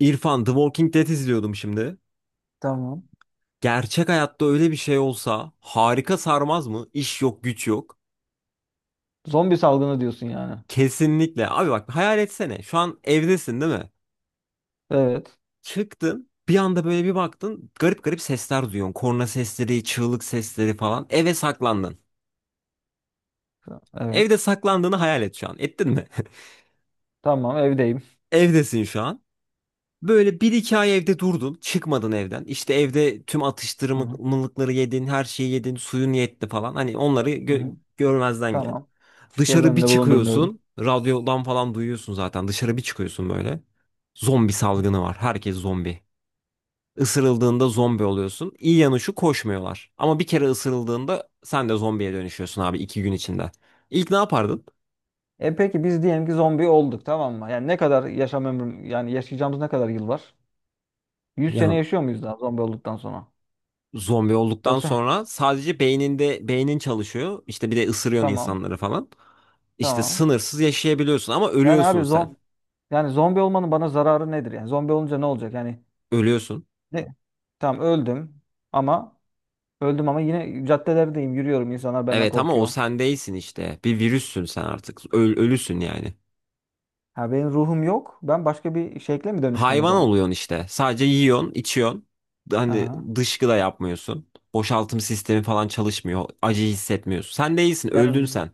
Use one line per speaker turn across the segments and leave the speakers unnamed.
İrfan, The Walking Dead izliyordum şimdi.
Tamam.
Gerçek hayatta öyle bir şey olsa harika sarmaz mı? İş yok, güç yok.
Zombi salgını diyorsun yani.
Kesinlikle. Abi bak hayal etsene. Şu an evdesin değil mi?
Evet.
Çıktın. Bir anda böyle bir baktın. Garip garip sesler duyuyorsun. Korna sesleri, çığlık sesleri falan. Eve saklandın. Evde
Evet.
saklandığını hayal et şu an. Ettin mi?
Tamam, evdeyim.
Evdesin şu an. Böyle bir iki ay evde durdun. Çıkmadın evden. İşte evde tüm
Hı hı.
atıştırmalıkları yedin. Her şeyi yedin. Suyun yetti falan. Hani onları
Hı hı.
görmezden gel.
Tamam. Göz
Dışarı bir
önünde bulundurmayalım.
çıkıyorsun. Radyodan falan duyuyorsun zaten. Dışarı bir çıkıyorsun böyle. Zombi salgını var. Herkes zombi. Isırıldığında zombi oluyorsun. İyi yanı şu koşmuyorlar. Ama bir kere ısırıldığında sen de zombiye dönüşüyorsun abi 2 gün içinde. İlk ne yapardın?
E peki biz diyelim ki zombi olduk, tamam mı? Yani ne kadar yaşam ömrüm, yani yaşayacağımız ne kadar yıl var? 100 sene
Ya
yaşıyor muyuz daha zombi olduktan sonra?
zombi olduktan
Yoksa
sonra sadece beyninde beynin çalışıyor. İşte bir de ısırıyorsun
tamam.
insanları falan. İşte
Tamam.
sınırsız yaşayabiliyorsun ama
Yani abi
ölüyorsun sen.
zom yani zombi olmanın bana zararı nedir? Yani zombi olunca ne olacak? Yani
Ölüyorsun.
ne? Tamam öldüm ama öldüm ama yine caddelerdeyim, yürüyorum, insanlar benden
Evet ama o
korkuyor.
sen değilsin işte. Bir virüssün sen artık. Ölüsün yani.
Ha, benim ruhum yok. Ben başka bir şekle mi dönüştüm o
Hayvan
zaman?
oluyorsun işte. Sadece yiyorsun, içiyorsun. Hani
Aha.
dışkı da yapmıyorsun. Boşaltım sistemi falan çalışmıyor. Acı hissetmiyorsun. Sen değilsin,
Yani
öldün sen.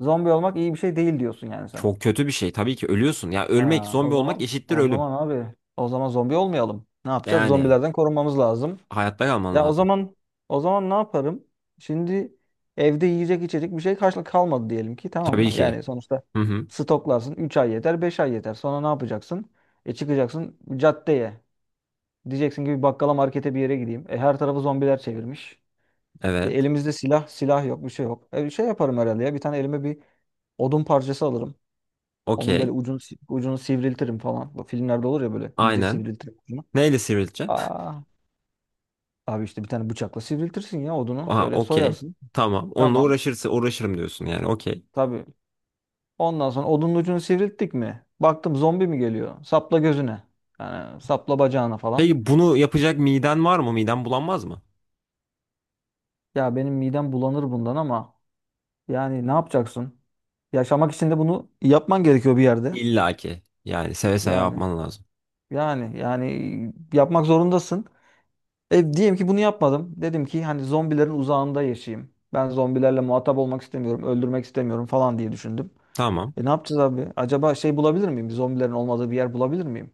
z- Zombi olmak iyi bir şey değil diyorsun yani sen.
Çok kötü bir şey. Tabii ki ölüyorsun. Ya ölmek,
Ha, o
zombi olmak
zaman
eşittir
o
ölüm.
zaman abi o zaman zombi olmayalım. Ne yapacağız?
Yani
Zombilerden korunmamız lazım.
hayatta kalman
Ya o
lazım.
zaman o zaman ne yaparım? Şimdi evde yiyecek içecek bir şey karşılık kalmadı diyelim ki, tamam
Tabii
mı?
ki.
Yani sonuçta
Hı hı.
stoklarsın, 3 ay yeter, 5 ay yeter. Sonra ne yapacaksın? E, çıkacaksın caddeye. Diyeceksin ki bir bakkala, markete, bir yere gideyim. E, her tarafı zombiler çevirmiş. E,
Evet.
elimizde silah, silah yok, bir şey yok. E, bir şey yaparım herhalde ya. Bir tane elime bir odun parçası alırım. Onun böyle
Okey.
ucunu si- ucunu sivriltirim falan. Bu filmlerde olur ya, böyle iyice
Aynen.
sivriltirim ucunu.
Neyle sivrileceksin?
Aa, abi işte bir tane bıçakla sivriltirsin ya odunu.
Aha,
Şöyle
okey.
soyarsın.
Tamam. Onunla
Tamam.
uğraşırsa uğraşırım diyorsun yani. Okey.
Tabii. Ondan sonra odunun ucunu sivrilttik mi? Baktım zombi mi geliyor? Sapla gözüne. Yani sapla bacağına falan.
Peki bunu yapacak miden var mı? Miden bulanmaz mı?
Ya benim midem bulanır bundan ama yani ne yapacaksın? Yaşamak için de bunu yapman gerekiyor bir yerde.
İlla ki. Yani seve seve
Yani.
yapman lazım.
Yani yapmak zorundasın. E, diyelim ki bunu yapmadım. Dedim ki hani zombilerin uzağında yaşayayım. Ben zombilerle muhatap olmak istemiyorum, öldürmek istemiyorum falan diye düşündüm.
Tamam.
E, ne yapacağız abi? Acaba şey bulabilir miyim? Zombilerin olmadığı bir yer bulabilir miyim?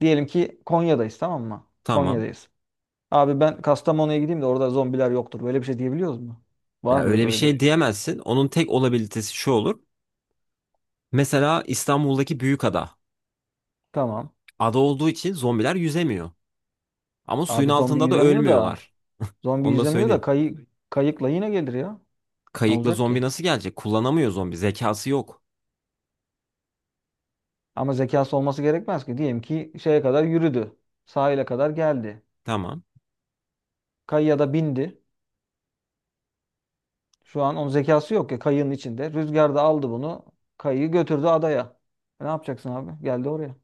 Diyelim ki Konya'dayız, tamam mı?
Tamam.
Konya'dayız. Abi ben Kastamonu'ya gideyim de, orada zombiler yoktur. Böyle bir şey diyebiliyoruz mu? Var
Ya
mıdır
öyle bir
böyle
şey
bir?
diyemezsin. Onun tek olabilitesi şu olur. Mesela İstanbul'daki büyük ada.
Tamam.
Ada olduğu için zombiler yüzemiyor. Ama suyun
Abi zombi
altında da
yüzemiyor da
ölmüyorlar.
zombi
Onu da
yüzemiyor da
söyleyeyim.
kayı, kayıkla yine gelir ya. Ne
Kayıkla
olacak
zombi
ki?
nasıl gelecek? Kullanamıyor zombi. Zekası yok.
Ama zekası olması gerekmez ki. Diyelim ki şeye kadar yürüdü. Sahile kadar geldi.
Tamam.
Kayıya da bindi. Şu an onun zekası yok ya, kayığın içinde. Rüzgar da aldı bunu. Kayığı götürdü adaya. E, ne yapacaksın abi? Geldi oraya.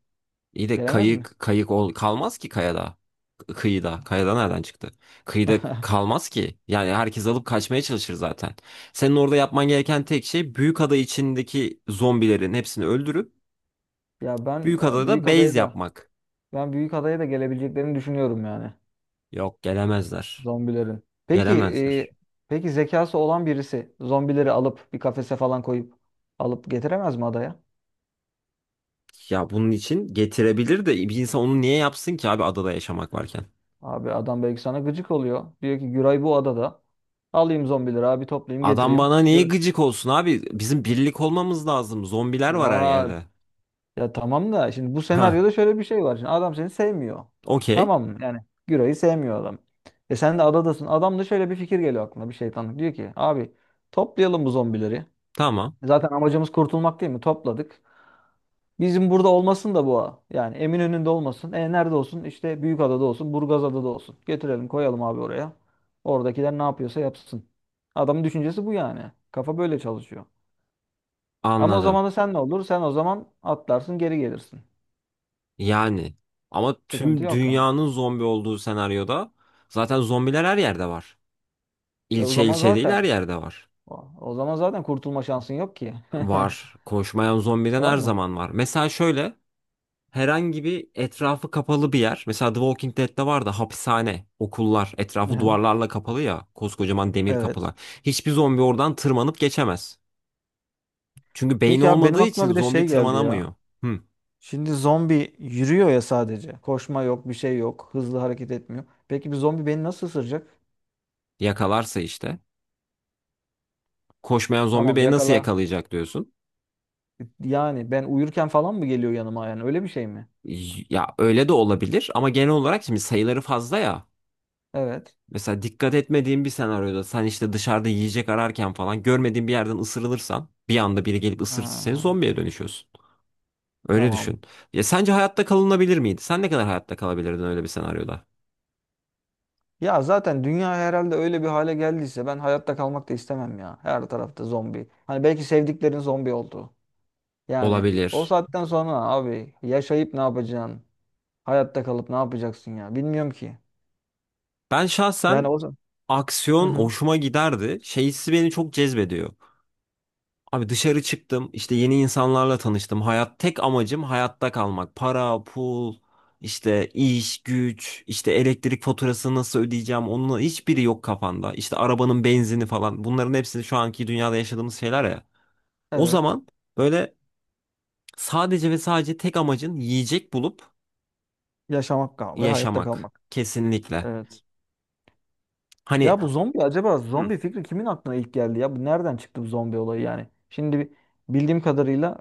İyi de
Gelemez mi?
kayık kayık ol kalmaz ki kayada. Kıyıda. Kayada nereden çıktı? Kıyıda kalmaz ki. Yani herkes alıp kaçmaya çalışır zaten. Senin orada yapman gereken tek şey büyük ada içindeki zombilerin hepsini öldürüp
Ya
büyük adada
büyük adaya
base
da
yapmak.
ben büyük adaya da gelebileceklerini düşünüyorum yani,
Yok gelemezler.
zombilerin. Peki e,
Gelemezler.
peki zekası olan birisi zombileri alıp bir kafese falan koyup alıp getiremez mi adaya?
Ya bunun için getirebilir de bir insan onu niye yapsın ki abi adada yaşamak varken?
Abi adam belki sana gıcık oluyor. Diyor ki Güray bu adada. Alayım zombileri, abi toplayayım
Adam
getireyim.
bana niye
Gür
gıcık olsun abi? Bizim birlik olmamız lazım. Zombiler var her
ya
yerde.
ya tamam da şimdi bu
Ha,
senaryoda şöyle bir şey var. Şimdi adam seni sevmiyor.
okey.
Tamam mı? Yani Güray'ı sevmiyor adam. E sen de adadasın. Adam da şöyle bir fikir geliyor aklına, bir şeytanlık. Diyor ki abi toplayalım bu zombileri.
Tamam.
Zaten amacımız kurtulmak değil mi? Topladık. Bizim burada olmasın da bu ağa. Yani Eminönü'nde olmasın. E nerede olsun? İşte Büyükada'da olsun, Burgazada'da olsun. Getirelim, koyalım abi oraya. Oradakiler ne yapıyorsa yapsın. Adamın düşüncesi bu yani. Kafa böyle çalışıyor. Ama o
Anladım.
zaman da sen ne olur? Sen o zaman atlarsın, geri gelirsin.
Yani ama
Sıkıntı
tüm
yok yani.
dünyanın zombi olduğu senaryoda zaten zombiler her yerde var.
E o
İlçe
zaman
ilçe değil
zaten
her yerde var.
o zaman zaten kurtulma şansın yok ki.
Var. Koşmayan zombiden
Var
her
mı?
zaman var. Mesela şöyle herhangi bir etrafı kapalı bir yer. Mesela The Walking Dead'de var da hapishane, okullar, etrafı
Aha.
duvarlarla kapalı ya, koskocaman demir
Evet.
kapılar. Hiçbir zombi oradan tırmanıp geçemez. Çünkü beyni
Peki abi benim
olmadığı için
aklıma bir de
zombi
şey geldi ya.
tırmanamıyor. Hı,
Şimdi zombi yürüyor ya sadece. Koşma yok, bir şey yok. Hızlı hareket etmiyor. Peki bir zombi beni nasıl ısıracak?
yakalarsa işte. Koşmayan zombi
Tamam,
beni nasıl
yakala.
yakalayacak diyorsun.
Yani ben uyurken falan mı geliyor yanıma yani? Öyle bir şey mi?
Ya öyle de olabilir ama genel olarak şimdi sayıları fazla ya.
Evet.
Mesela dikkat etmediğin bir senaryoda sen işte dışarıda yiyecek ararken falan görmediğin bir yerden ısırılırsan bir anda biri gelip ısırırsa seni
Ha,
zombiye dönüşüyorsun. Öyle düşün.
tamam.
Ya sence hayatta kalınabilir miydi? Sen ne kadar hayatta kalabilirdin öyle bir senaryoda?
Ya zaten dünya herhalde öyle bir hale geldiyse ben hayatta kalmak da istemem ya. Her tarafta zombi. Hani belki sevdiklerin zombi oldu. Yani o
Olabilir.
saatten sonra abi yaşayıp ne yapacaksın? Hayatta kalıp ne yapacaksın ya? Bilmiyorum ki.
Ben
Yani
şahsen
o zaman. Hı
aksiyon
hı.
hoşuma giderdi. Şey beni çok cezbediyor. Abi dışarı çıktım, işte yeni insanlarla tanıştım. Hayat tek amacım hayatta kalmak. Para, pul, işte iş, güç, işte elektrik faturasını nasıl ödeyeceğim onun hiçbiri yok kafanda. İşte arabanın benzini falan. Bunların hepsini şu anki dünyada yaşadığımız şeyler ya. O
Evet.
zaman böyle sadece ve sadece tek amacın yiyecek bulup
Yaşamak kal ve hayatta
yaşamak.
kalmak.
Kesinlikle.
Evet.
Hani
Ya bu zombi, acaba
Hı.
zombi fikri kimin aklına ilk geldi ya? Bu nereden çıktı bu zombi olayı yani? Şimdi bildiğim kadarıyla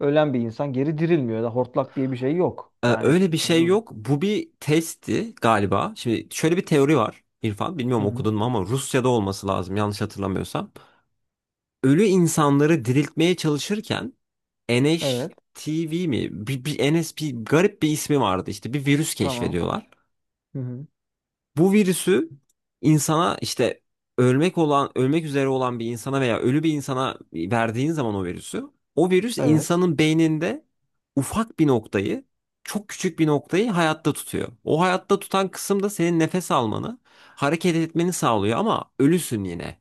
ölen bir insan geri dirilmiyor ya da hortlak diye bir şey yok. Yani.
Öyle bir şey
Hı
yok. Bu bir testti galiba. Şimdi şöyle bir teori var. İrfan bilmiyorum
hı.
okudun mu ama Rusya'da olması lazım yanlış hatırlamıyorsam. Ölü insanları diriltmeye çalışırken
Evet.
NHTV mi? Bir NS bir garip bir ismi vardı işte bir virüs
Tamam.
keşfediyorlar.
Hı hı.
Bu virüsü insana işte ölmek olan, ölmek üzere olan bir insana veya ölü bir insana verdiğin zaman o virüsü, o virüs
Evet.
insanın beyninde ufak bir noktayı, çok küçük bir noktayı hayatta tutuyor. O hayatta tutan kısım da senin nefes almanı, hareket etmeni sağlıyor ama ölüsün yine.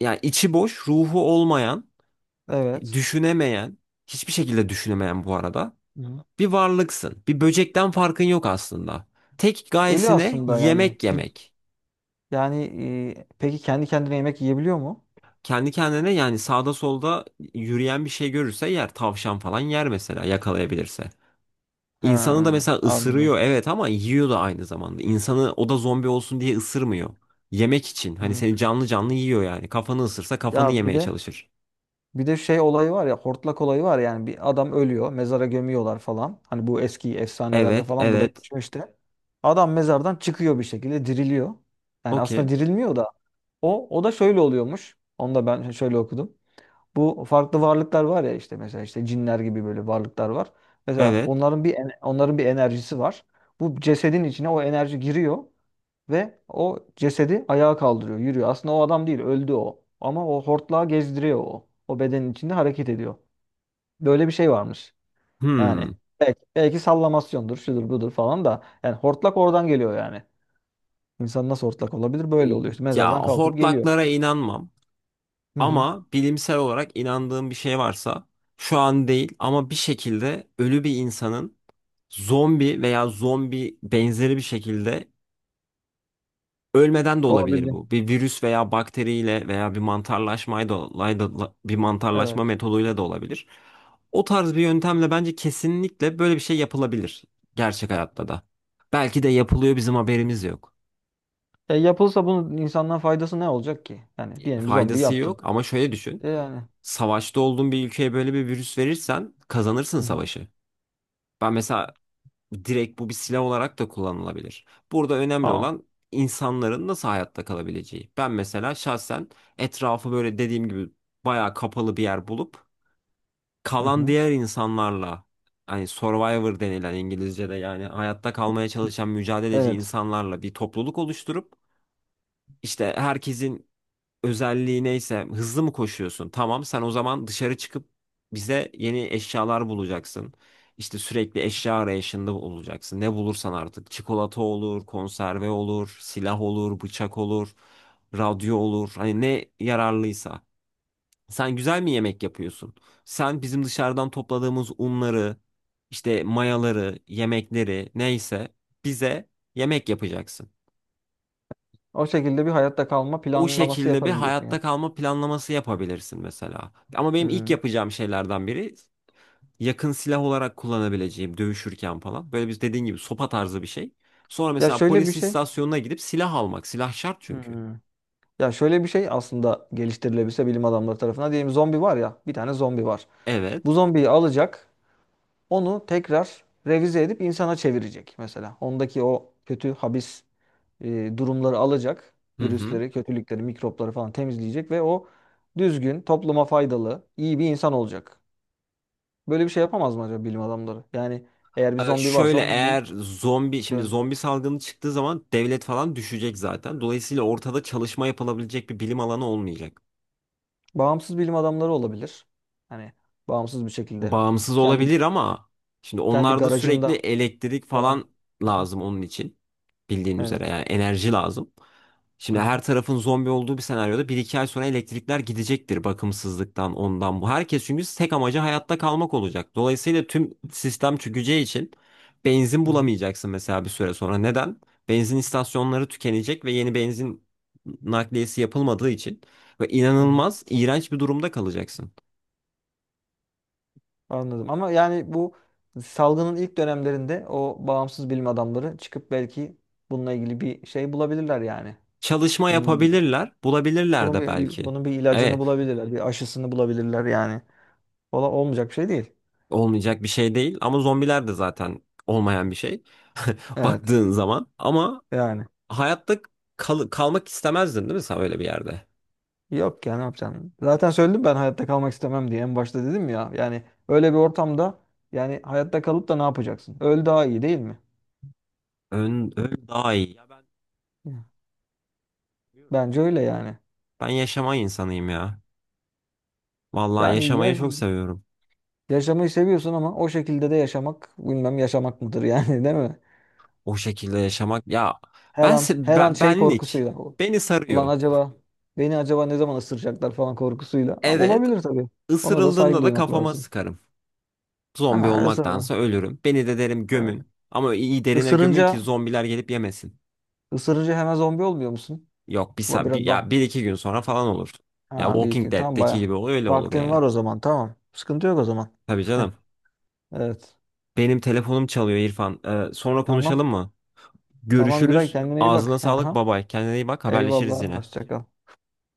Yani içi boş, ruhu olmayan,
Evet.
düşünemeyen, hiçbir şekilde düşünemeyen bu arada
Hı hı.
bir varlıksın. Bir böcekten farkın yok aslında. Tek
Ölü
gayesine
aslında yani.
yemek
Bir,
yemek.
yani e, peki kendi kendine yemek yiyebiliyor mu?
Kendi kendine yani sağda solda yürüyen bir şey görürse yer. Tavşan falan yer mesela yakalayabilirse.
He,
İnsanı da mesela
anladım.
ısırıyor evet ama yiyor da aynı zamanda. İnsanı o da zombi olsun diye ısırmıyor. Yemek için hani
Hı.
seni canlı canlı yiyor yani. Kafanı ısırsa kafanı
Ya bir
yemeye
de,
çalışır.
bir de şey olayı var ya, hortlak olayı var. Yani bir adam ölüyor, mezara gömüyorlar falan. Hani bu eski efsanelerde
Evet
falan bu da
evet,
geçiyor işte. Adam mezardan çıkıyor, bir şekilde diriliyor. Yani aslında
okey,
dirilmiyor da, o da şöyle oluyormuş. Onu da ben şöyle okudum. Bu farklı varlıklar var ya, işte mesela işte cinler gibi böyle varlıklar var. Mesela
evet,
onların bir enerjisi var. Bu cesedin içine o enerji giriyor. Ve o cesedi ayağa kaldırıyor, yürüyor. Aslında o adam değil, öldü o. Ama o hortlağı gezdiriyor o. O bedenin içinde hareket ediyor. Böyle bir şey varmış. Yani
hmm.
belki, belki sallamasyondur, şudur budur falan da. Yani hortlak oradan geliyor yani. İnsan nasıl hortlak olabilir?
E,
Böyle oluyor işte.
Ya
Mezardan kalkıp geliyor.
hortlaklara inanmam.
Hı hı.
Ama bilimsel olarak inandığım bir şey varsa şu an değil ama bir şekilde ölü bir insanın zombi veya zombi benzeri bir şekilde ölmeden de olabilir
Olabilecek.
bu. Bir virüs veya bakteriyle veya bir mantarlaşmayla da bir mantarlaşma
Evet.
metoduyla da olabilir. O tarz bir yöntemle bence kesinlikle böyle bir şey yapılabilir gerçek hayatta da. Belki de yapılıyor bizim haberimiz yok.
E yapılsa bunun insandan faydası ne olacak ki? Yani diyelim bir zombi
Faydası
yaptın.
yok ama şöyle düşün.
E yani.
Savaşta olduğun bir ülkeye böyle bir virüs verirsen kazanırsın
Hı hı.
savaşı. Ben mesela direkt bu bir silah olarak da kullanılabilir. Burada önemli
Aa.
olan insanların nasıl hayatta kalabileceği. Ben mesela şahsen etrafı böyle dediğim gibi bayağı kapalı bir yer bulup
Hı
kalan
hı.
diğer insanlarla hani survivor denilen İngilizce'de yani hayatta kalmaya çalışan mücadeleci
Evet.
insanlarla bir topluluk oluşturup işte herkesin özelliği neyse hızlı mı koşuyorsun? Tamam sen o zaman dışarı çıkıp bize yeni eşyalar bulacaksın. İşte sürekli eşya arayışında olacaksın. Ne bulursan artık çikolata olur, konserve olur, silah olur, bıçak olur, radyo olur. Hani ne yararlıysa. Sen güzel mi yemek yapıyorsun? Sen bizim dışarıdan topladığımız unları, işte mayaları, yemekleri neyse bize yemek yapacaksın.
O şekilde bir hayatta kalma
O
planlaması
şekilde bir
yaparım diyorsun
hayatta
yani.
kalma planlaması yapabilirsin mesela. Ama benim ilk
Hmm.
yapacağım şeylerden biri yakın silah olarak kullanabileceğim dövüşürken falan. Böyle biz dediğin gibi sopa tarzı bir şey. Sonra
Ya
mesela
şöyle bir
polis
şey.
istasyonuna gidip silah almak. Silah şart çünkü.
Hmm. Ya şöyle bir şey aslında geliştirilebilse bilim adamları tarafından. Diyelim zombi var ya, bir tane zombi var. Bu
Evet.
zombiyi alacak, onu tekrar revize edip insana çevirecek mesela. Ondaki o kötü habis durumları alacak,
Hı hı.
virüsleri, kötülükleri, mikropları falan temizleyecek ve o düzgün, topluma faydalı, iyi bir insan olacak. Böyle bir şey yapamaz mı acaba bilim adamları? Yani eğer bir zombi varsa
Şöyle
onu bir
eğer zombi şimdi
dön.
zombi salgını çıktığı zaman devlet falan düşecek zaten. Dolayısıyla ortada çalışma yapılabilecek bir bilim alanı olmayacak.
Bağımsız bilim adamları olabilir. Hani bağımsız bir şekilde.
Bağımsız
Kendi
olabilir ama şimdi
Kendi
onlarda sürekli
garajında
elektrik
falan.
falan
Hı hı.
lazım onun için. Bildiğin üzere
Evet.
yani enerji lazım.
Hı
Şimdi
hı.
her tarafın zombi olduğu bir senaryoda bir iki ay sonra elektrikler gidecektir bakımsızlıktan ondan bu. Herkes çünkü tek amacı hayatta kalmak olacak. Dolayısıyla tüm sistem çökeceği için benzin
Hı hı.
bulamayacaksın mesela bir süre sonra. Neden? Benzin istasyonları tükenecek ve yeni benzin nakliyesi yapılmadığı için ve
Hı hı.
inanılmaz iğrenç bir durumda kalacaksın.
Anladım. Ama yani bu salgının ilk dönemlerinde o bağımsız bilim adamları çıkıp belki bununla ilgili bir şey bulabilirler yani.
Çalışma
Bunun bir,
yapabilirler, bulabilirler de belki.
Bunun bir ilacını
Evet,
bulabilirler. Bir aşısını bulabilirler yani. Olmayacak bir şey değil.
olmayacak bir şey değil ama zombiler de zaten olmayan bir şey
Evet.
baktığın zaman. Ama
Yani.
hayatta kalmak istemezdin değil mi sen öyle bir yerde?
Yok ya, ne yapacaksın? Zaten söyledim, ben hayatta kalmak istemem diye. En başta dedim ya. Yani öyle bir ortamda yani hayatta kalıp da ne yapacaksın? Öl, daha iyi değil mi?
Ön, ön daha iyi. Ya ben
Hı.
bilmiyorum.
Bence öyle yani.
Ben yaşama insanıyım ya. Vallahi
Yani
yaşamayı
yaş-
çok seviyorum.
yaşamayı seviyorsun ama o şekilde de yaşamak bilmem yaşamak mıdır yani değil mi?
O şekilde yaşamak ya
Her
ben
an, her an şey
benlik
korkusuyla.
beni
Ulan
sarıyor.
acaba beni acaba ne zaman ısıracaklar falan korkusuyla. Ama
Evet,
olabilir tabii. Ona da saygı
ısırıldığımda da
duymak
kafama
lazım.
sıkarım. Zombi
Ha, ısırma.
olmaktansa ölürüm. Beni de derim
Evet.
gömün. Ama iyi derine gömün ki
Isırınca
zombiler gelip yemesin.
ısırınca hemen zombi olmuyor musun?
Yok
Biraz bak.
ya bir iki gün sonra falan olur. Ya
Ha, bir
Walking
iki. Tam
Dead'deki
baya.
gibi oluyor öyle olur
Vaktin
yani.
var o zaman. Tamam. Sıkıntı yok o zaman.
Tabii canım.
Evet.
Benim telefonum çalıyor İrfan. Sonra
Tamam.
konuşalım mı?
Tamam Güray,
Görüşürüz.
kendine iyi bak.
Ağzına sağlık.
Aha.
Babay. Kendine iyi bak. Haberleşiriz
Eyvallah.
yine.
Hoşça kal.